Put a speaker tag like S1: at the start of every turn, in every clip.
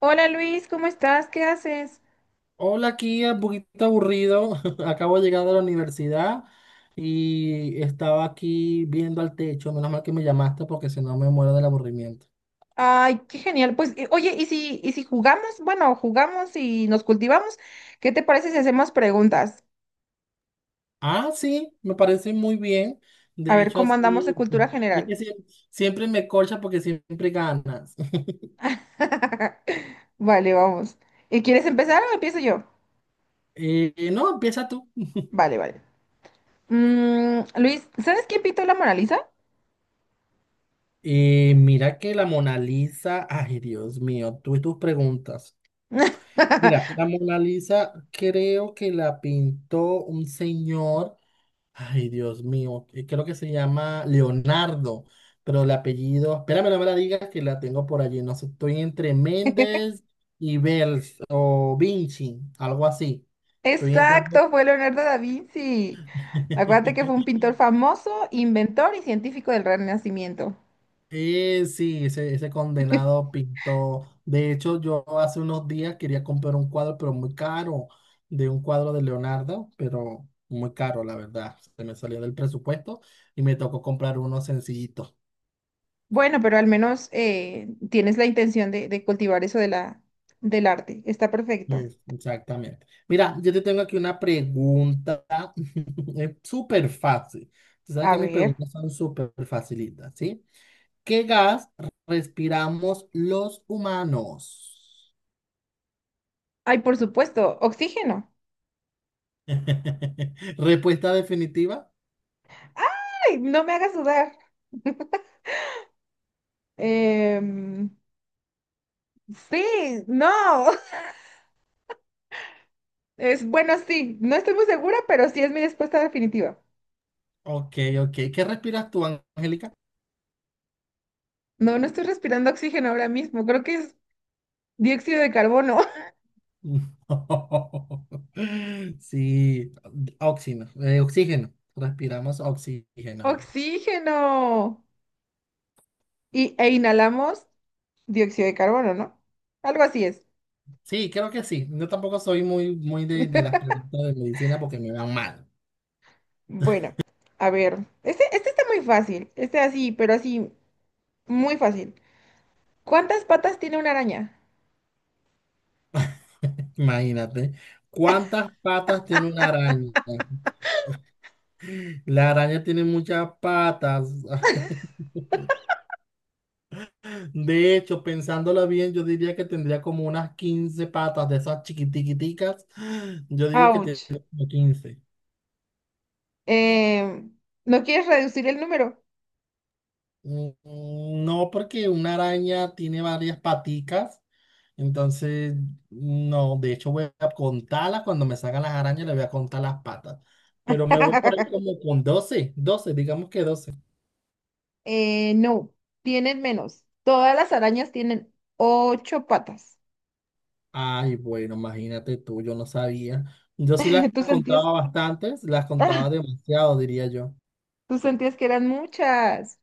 S1: Hola, Luis, ¿cómo estás? ¿Qué haces?
S2: Hola, aquí un poquito aburrido. Acabo de llegar de la universidad y estaba aquí viendo al techo. Menos mal que me llamaste porque si no me muero del aburrimiento.
S1: Ay, qué genial. Pues, oye, ¿y si jugamos? Bueno, jugamos y nos cultivamos. ¿Qué te parece si hacemos preguntas?
S2: Ah, sí, me parece muy bien.
S1: A
S2: De
S1: ver
S2: hecho,
S1: cómo andamos de
S2: así
S1: cultura
S2: es que
S1: general.
S2: siempre me colcha porque siempre ganas.
S1: Vale, vamos. ¿Y quieres empezar o empiezo yo?
S2: No, empieza tú.
S1: Vale, vale. Luis, ¿sabes quién pintó la Mona Lisa?
S2: Mira que la Mona Lisa, ay Dios mío, tú y tus preguntas. Mira, la Mona Lisa creo que la pintó un señor. Ay, Dios mío, creo que se llama Leonardo, pero el apellido, espérame, no me la digas que la tengo por allí, no sé, estoy entre Méndez y Bels o Vinci, algo así. Estoy entrando.
S1: Exacto, fue Leonardo da Vinci. Acuérdate que fue un pintor famoso, inventor y científico del Renacimiento.
S2: Sí, ese condenado pintó. De hecho, yo hace unos días quería comprar un cuadro, pero muy caro, de un cuadro de Leonardo, pero muy caro, la verdad. Se me salió del presupuesto y me tocó comprar uno sencillito.
S1: Bueno, pero al menos tienes la intención de cultivar eso del arte. Está perfecto.
S2: Pues, exactamente. Mira, yo te tengo aquí una pregunta. Es súper fácil. Tú sabes
S1: A
S2: que mis
S1: ver.
S2: preguntas son súper facilitas, ¿sí? ¿Qué gas respiramos los humanos?
S1: Ay, por supuesto, oxígeno.
S2: Respuesta definitiva.
S1: ¡Ay, no me hagas dudar! Em, sí, no. Es bueno, sí. No estoy muy segura, pero sí es mi respuesta definitiva.
S2: Ok, ok. ¿Qué respiras tú, Angélica?
S1: No, no estoy respirando oxígeno ahora mismo. Creo que es dióxido de carbono.
S2: No. Sí, oxígeno. Respiramos oxígeno.
S1: ¡Oxígeno! E inhalamos dióxido de carbono, ¿no? Algo así es.
S2: Sí, creo que sí. Yo tampoco soy muy de las preguntas de medicina porque me dan mal.
S1: Bueno, a ver. Este está muy fácil. Este así, pero así, muy fácil. ¿Cuántas patas tiene una araña?
S2: Imagínate. ¿Cuántas patas tiene una araña? La araña tiene muchas patas. De hecho, pensándolo bien, yo diría que tendría como unas 15 patas de esas chiquitiquiticas. Yo digo que tiene
S1: Ouch.
S2: como 15.
S1: Eh, ¿No quieres reducir el número?
S2: Mm, No, porque una araña tiene varias paticas. Entonces, no, de hecho voy a contarlas cuando me salgan las arañas, le voy a contar las patas. Pero me voy por ahí como con 12, 12, digamos que 12.
S1: No, tienen menos. Todas las arañas tienen ocho patas.
S2: Ay, bueno, imagínate tú, yo no sabía. Yo sí las
S1: Tú sentías,
S2: contaba bastantes, las
S1: ah,
S2: contaba demasiado, diría yo.
S1: tú sentías que eran muchas.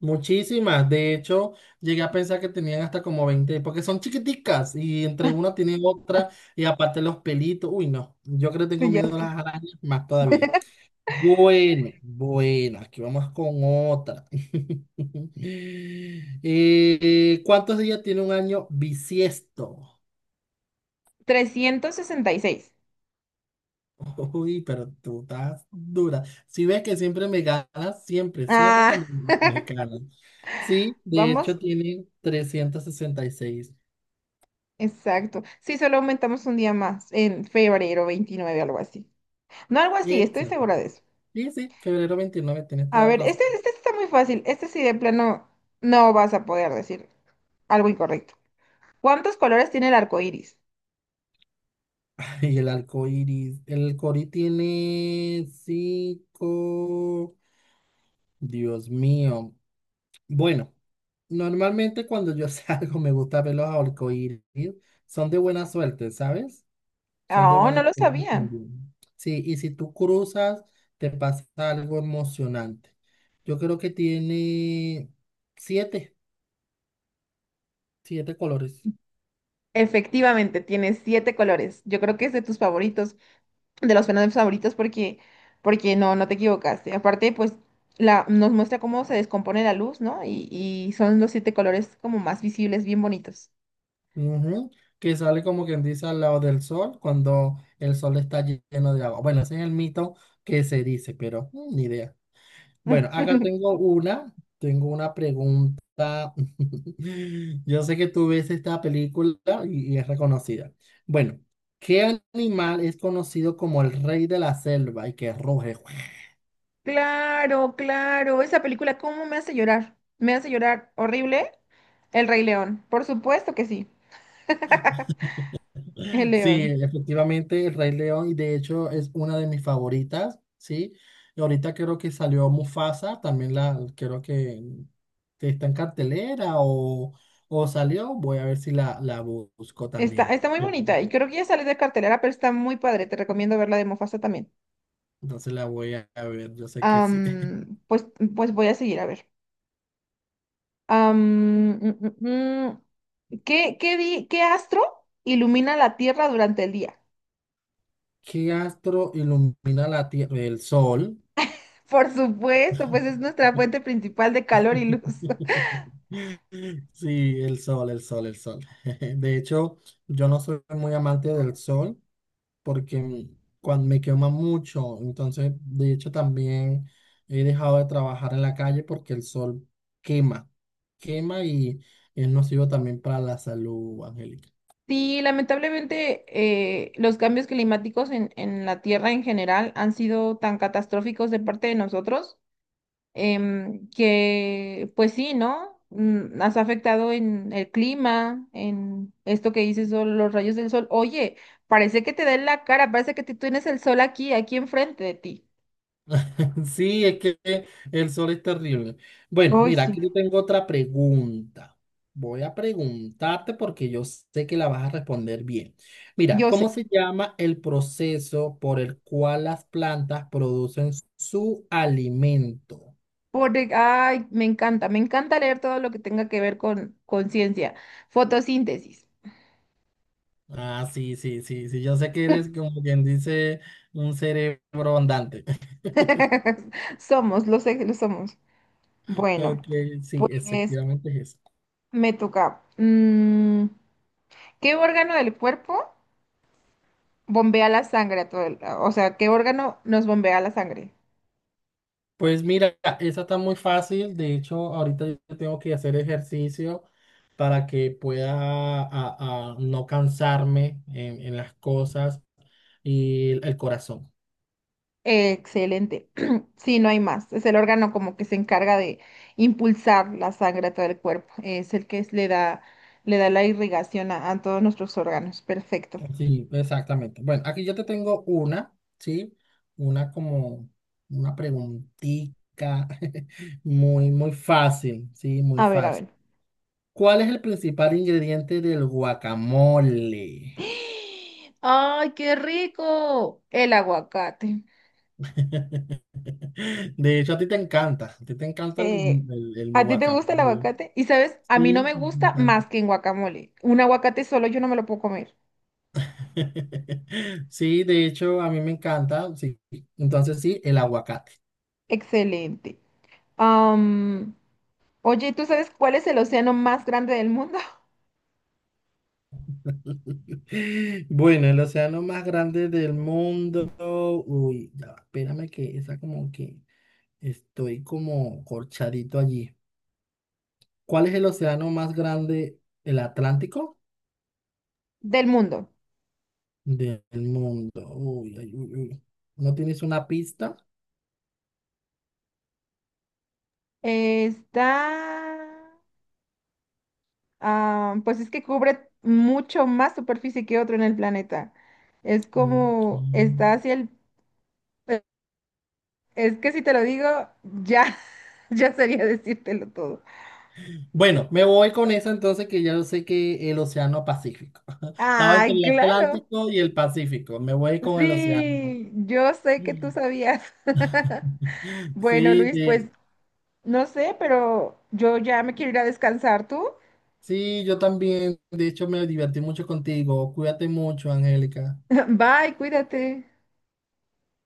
S2: Muchísimas, de hecho, llegué a pensar que tenían hasta como 20, porque son chiquiticas y entre una tienen otra y aparte los pelitos. Uy, no, yo creo que
S1: Sí,
S2: tengo
S1: ya
S2: miedo
S1: sé.
S2: a las arañas más todavía. Bueno, bueno, aquí vamos con otra. ¿Cuántos días tiene un año bisiesto?
S1: 366.
S2: Uy, pero tú estás dura. Si ves que siempre me ganas, siempre
S1: Ah,
S2: cuando me ganas. Sí, de hecho
S1: vamos.
S2: tiene 366.
S1: Exacto. Sí, solo aumentamos un día más, en febrero 29, algo así. No algo así, estoy
S2: Exacto.
S1: segura de eso.
S2: Sí, sí, 29 de febrero, tienes
S1: A
S2: toda la
S1: ver,
S2: razón.
S1: este está muy fácil. Este sí de plano no vas a poder decir algo incorrecto. ¿Cuántos colores tiene el arco iris?
S2: Y el arco iris, el cori tiene cinco. Dios mío. Bueno, normalmente cuando yo salgo me gusta ver los arcoíris. Son de buena suerte, ¿sabes? Son de
S1: Oh,
S2: buena
S1: no lo
S2: suerte
S1: sabía.
S2: también. Sí, y si tú cruzas, te pasa algo emocionante. Yo creo que tiene siete, siete colores.
S1: Efectivamente, tiene siete colores. Yo creo que es de tus favoritos, de los fenómenos favoritos, porque no, no te equivocaste. Aparte, pues nos muestra cómo se descompone la luz, ¿no? Y son los siete colores como más visibles, bien bonitos.
S2: Ujú, que sale como quien dice al lado del sol cuando el sol está lleno de agua. Bueno, ese es el mito que se dice, pero ni idea. Bueno, acá tengo tengo una pregunta. Yo sé que tú ves esta película y es reconocida. Bueno, ¿qué animal es conocido como el rey de la selva y que ruge?
S1: Claro, claro. Esa película, ¿cómo me hace llorar? Me hace llorar horrible. El Rey León. Por supuesto que sí. El
S2: Sí,
S1: León.
S2: efectivamente, el Rey León, y de hecho es una de mis favoritas, ¿sí? Y ahorita creo que salió Mufasa, también, creo que está en cartelera o salió, voy a ver si la busco
S1: Está,
S2: también.
S1: está muy bonita y creo que ya sale de cartelera, pero está muy padre. Te recomiendo verla de Mufasa también.
S2: Entonces la voy a ver, yo sé que sí.
S1: Am, pues, pues voy a seguir a ver. Am, mm, mm, mm. ¿ qué astro ilumina la Tierra durante el día?
S2: ¿Qué astro ilumina la Tierra? El Sol.
S1: Por supuesto, pues es nuestra fuente principal de calor y luz.
S2: Sí, el sol. De hecho, yo no soy muy amante del sol porque cuando me quema mucho, entonces, de hecho, también he dejado de trabajar en la calle porque el sol quema, quema y es nocivo también para la salud, Angélica.
S1: Sí, lamentablemente los cambios climáticos en la Tierra en general han sido tan catastróficos de parte de nosotros, que pues sí, ¿no? Mm, has afectado en el clima, en esto que dices, o los rayos del sol. Oye, parece que te da en la cara, parece que tú tienes el sol aquí, aquí enfrente de ti.
S2: Sí, es que el sol es terrible. Bueno,
S1: Hoy
S2: mira,
S1: sí.
S2: aquí yo tengo otra pregunta. Voy a preguntarte porque yo sé que la vas a responder bien. Mira,
S1: Yo
S2: ¿cómo
S1: sé,
S2: se llama el proceso por el cual las plantas producen su alimento?
S1: porque, ay, me encanta leer todo lo que tenga que ver con ciencia. Fotosíntesis.
S2: Ah, sí. Yo sé que eres como quien dice un cerebro andante.
S1: Somos, lo sé que lo somos. Bueno,
S2: Ok, sí,
S1: pues
S2: efectivamente es
S1: me toca. Mm, ¿qué órgano del cuerpo bombea la sangre a todo o sea, ¿qué órgano nos bombea la sangre?
S2: para que pueda a no cansarme en las cosas y el corazón.
S1: Excelente. Sí, no hay más. Es el órgano como que se encarga de impulsar la sangre a todo el cuerpo. Es el que le da la irrigación a todos nuestros órganos. Perfecto.
S2: Sí, exactamente. Bueno, aquí yo te tengo una, ¿sí? Una como una preguntita muy fácil, ¿sí? Muy
S1: A ver, a
S2: fácil.
S1: ver.
S2: ¿Cuál es el principal ingrediente del guacamole?
S1: ¡Ay, qué rico! El aguacate.
S2: De hecho, a ti te encanta
S1: eh,
S2: el
S1: ¿A ti te gusta el
S2: guacamole.
S1: aguacate? Y sabes, a mí no
S2: Sí,
S1: me gusta más que en guacamole. Un aguacate solo yo no me lo puedo comer.
S2: sí, de hecho, a mí me encanta. Sí. Entonces, sí, el aguacate.
S1: Excelente. Am, oye, ¿tú sabes cuál es el océano más grande del mundo?
S2: Bueno, el océano más grande del mundo. Uy, ya, va, espérame que esa como que estoy como corchadito allí. ¿Cuál es el océano más grande, el Atlántico
S1: Del mundo.
S2: del mundo? Uy, ay, uy, uy. ¿No tienes una pista?
S1: Está... ah, pues es que cubre mucho más superficie que otro en el planeta. Es
S2: Ok.
S1: como... Está hacia el... Es que si te lo digo, ya, ya sería decírtelo todo.
S2: Bueno, me voy con eso entonces que ya yo sé que el Océano Pacífico. Estaba entre
S1: Ay,
S2: el
S1: claro.
S2: Atlántico y el Pacífico. Me voy con el Océano.
S1: Sí, yo sé que tú sabías. Bueno,
S2: Sí,
S1: Luis, pues no sé, pero yo ya me quiero ir a descansar tú.
S2: sí, yo también. De hecho, me divertí mucho contigo. Cuídate mucho, Angélica.
S1: Bye, cuídate.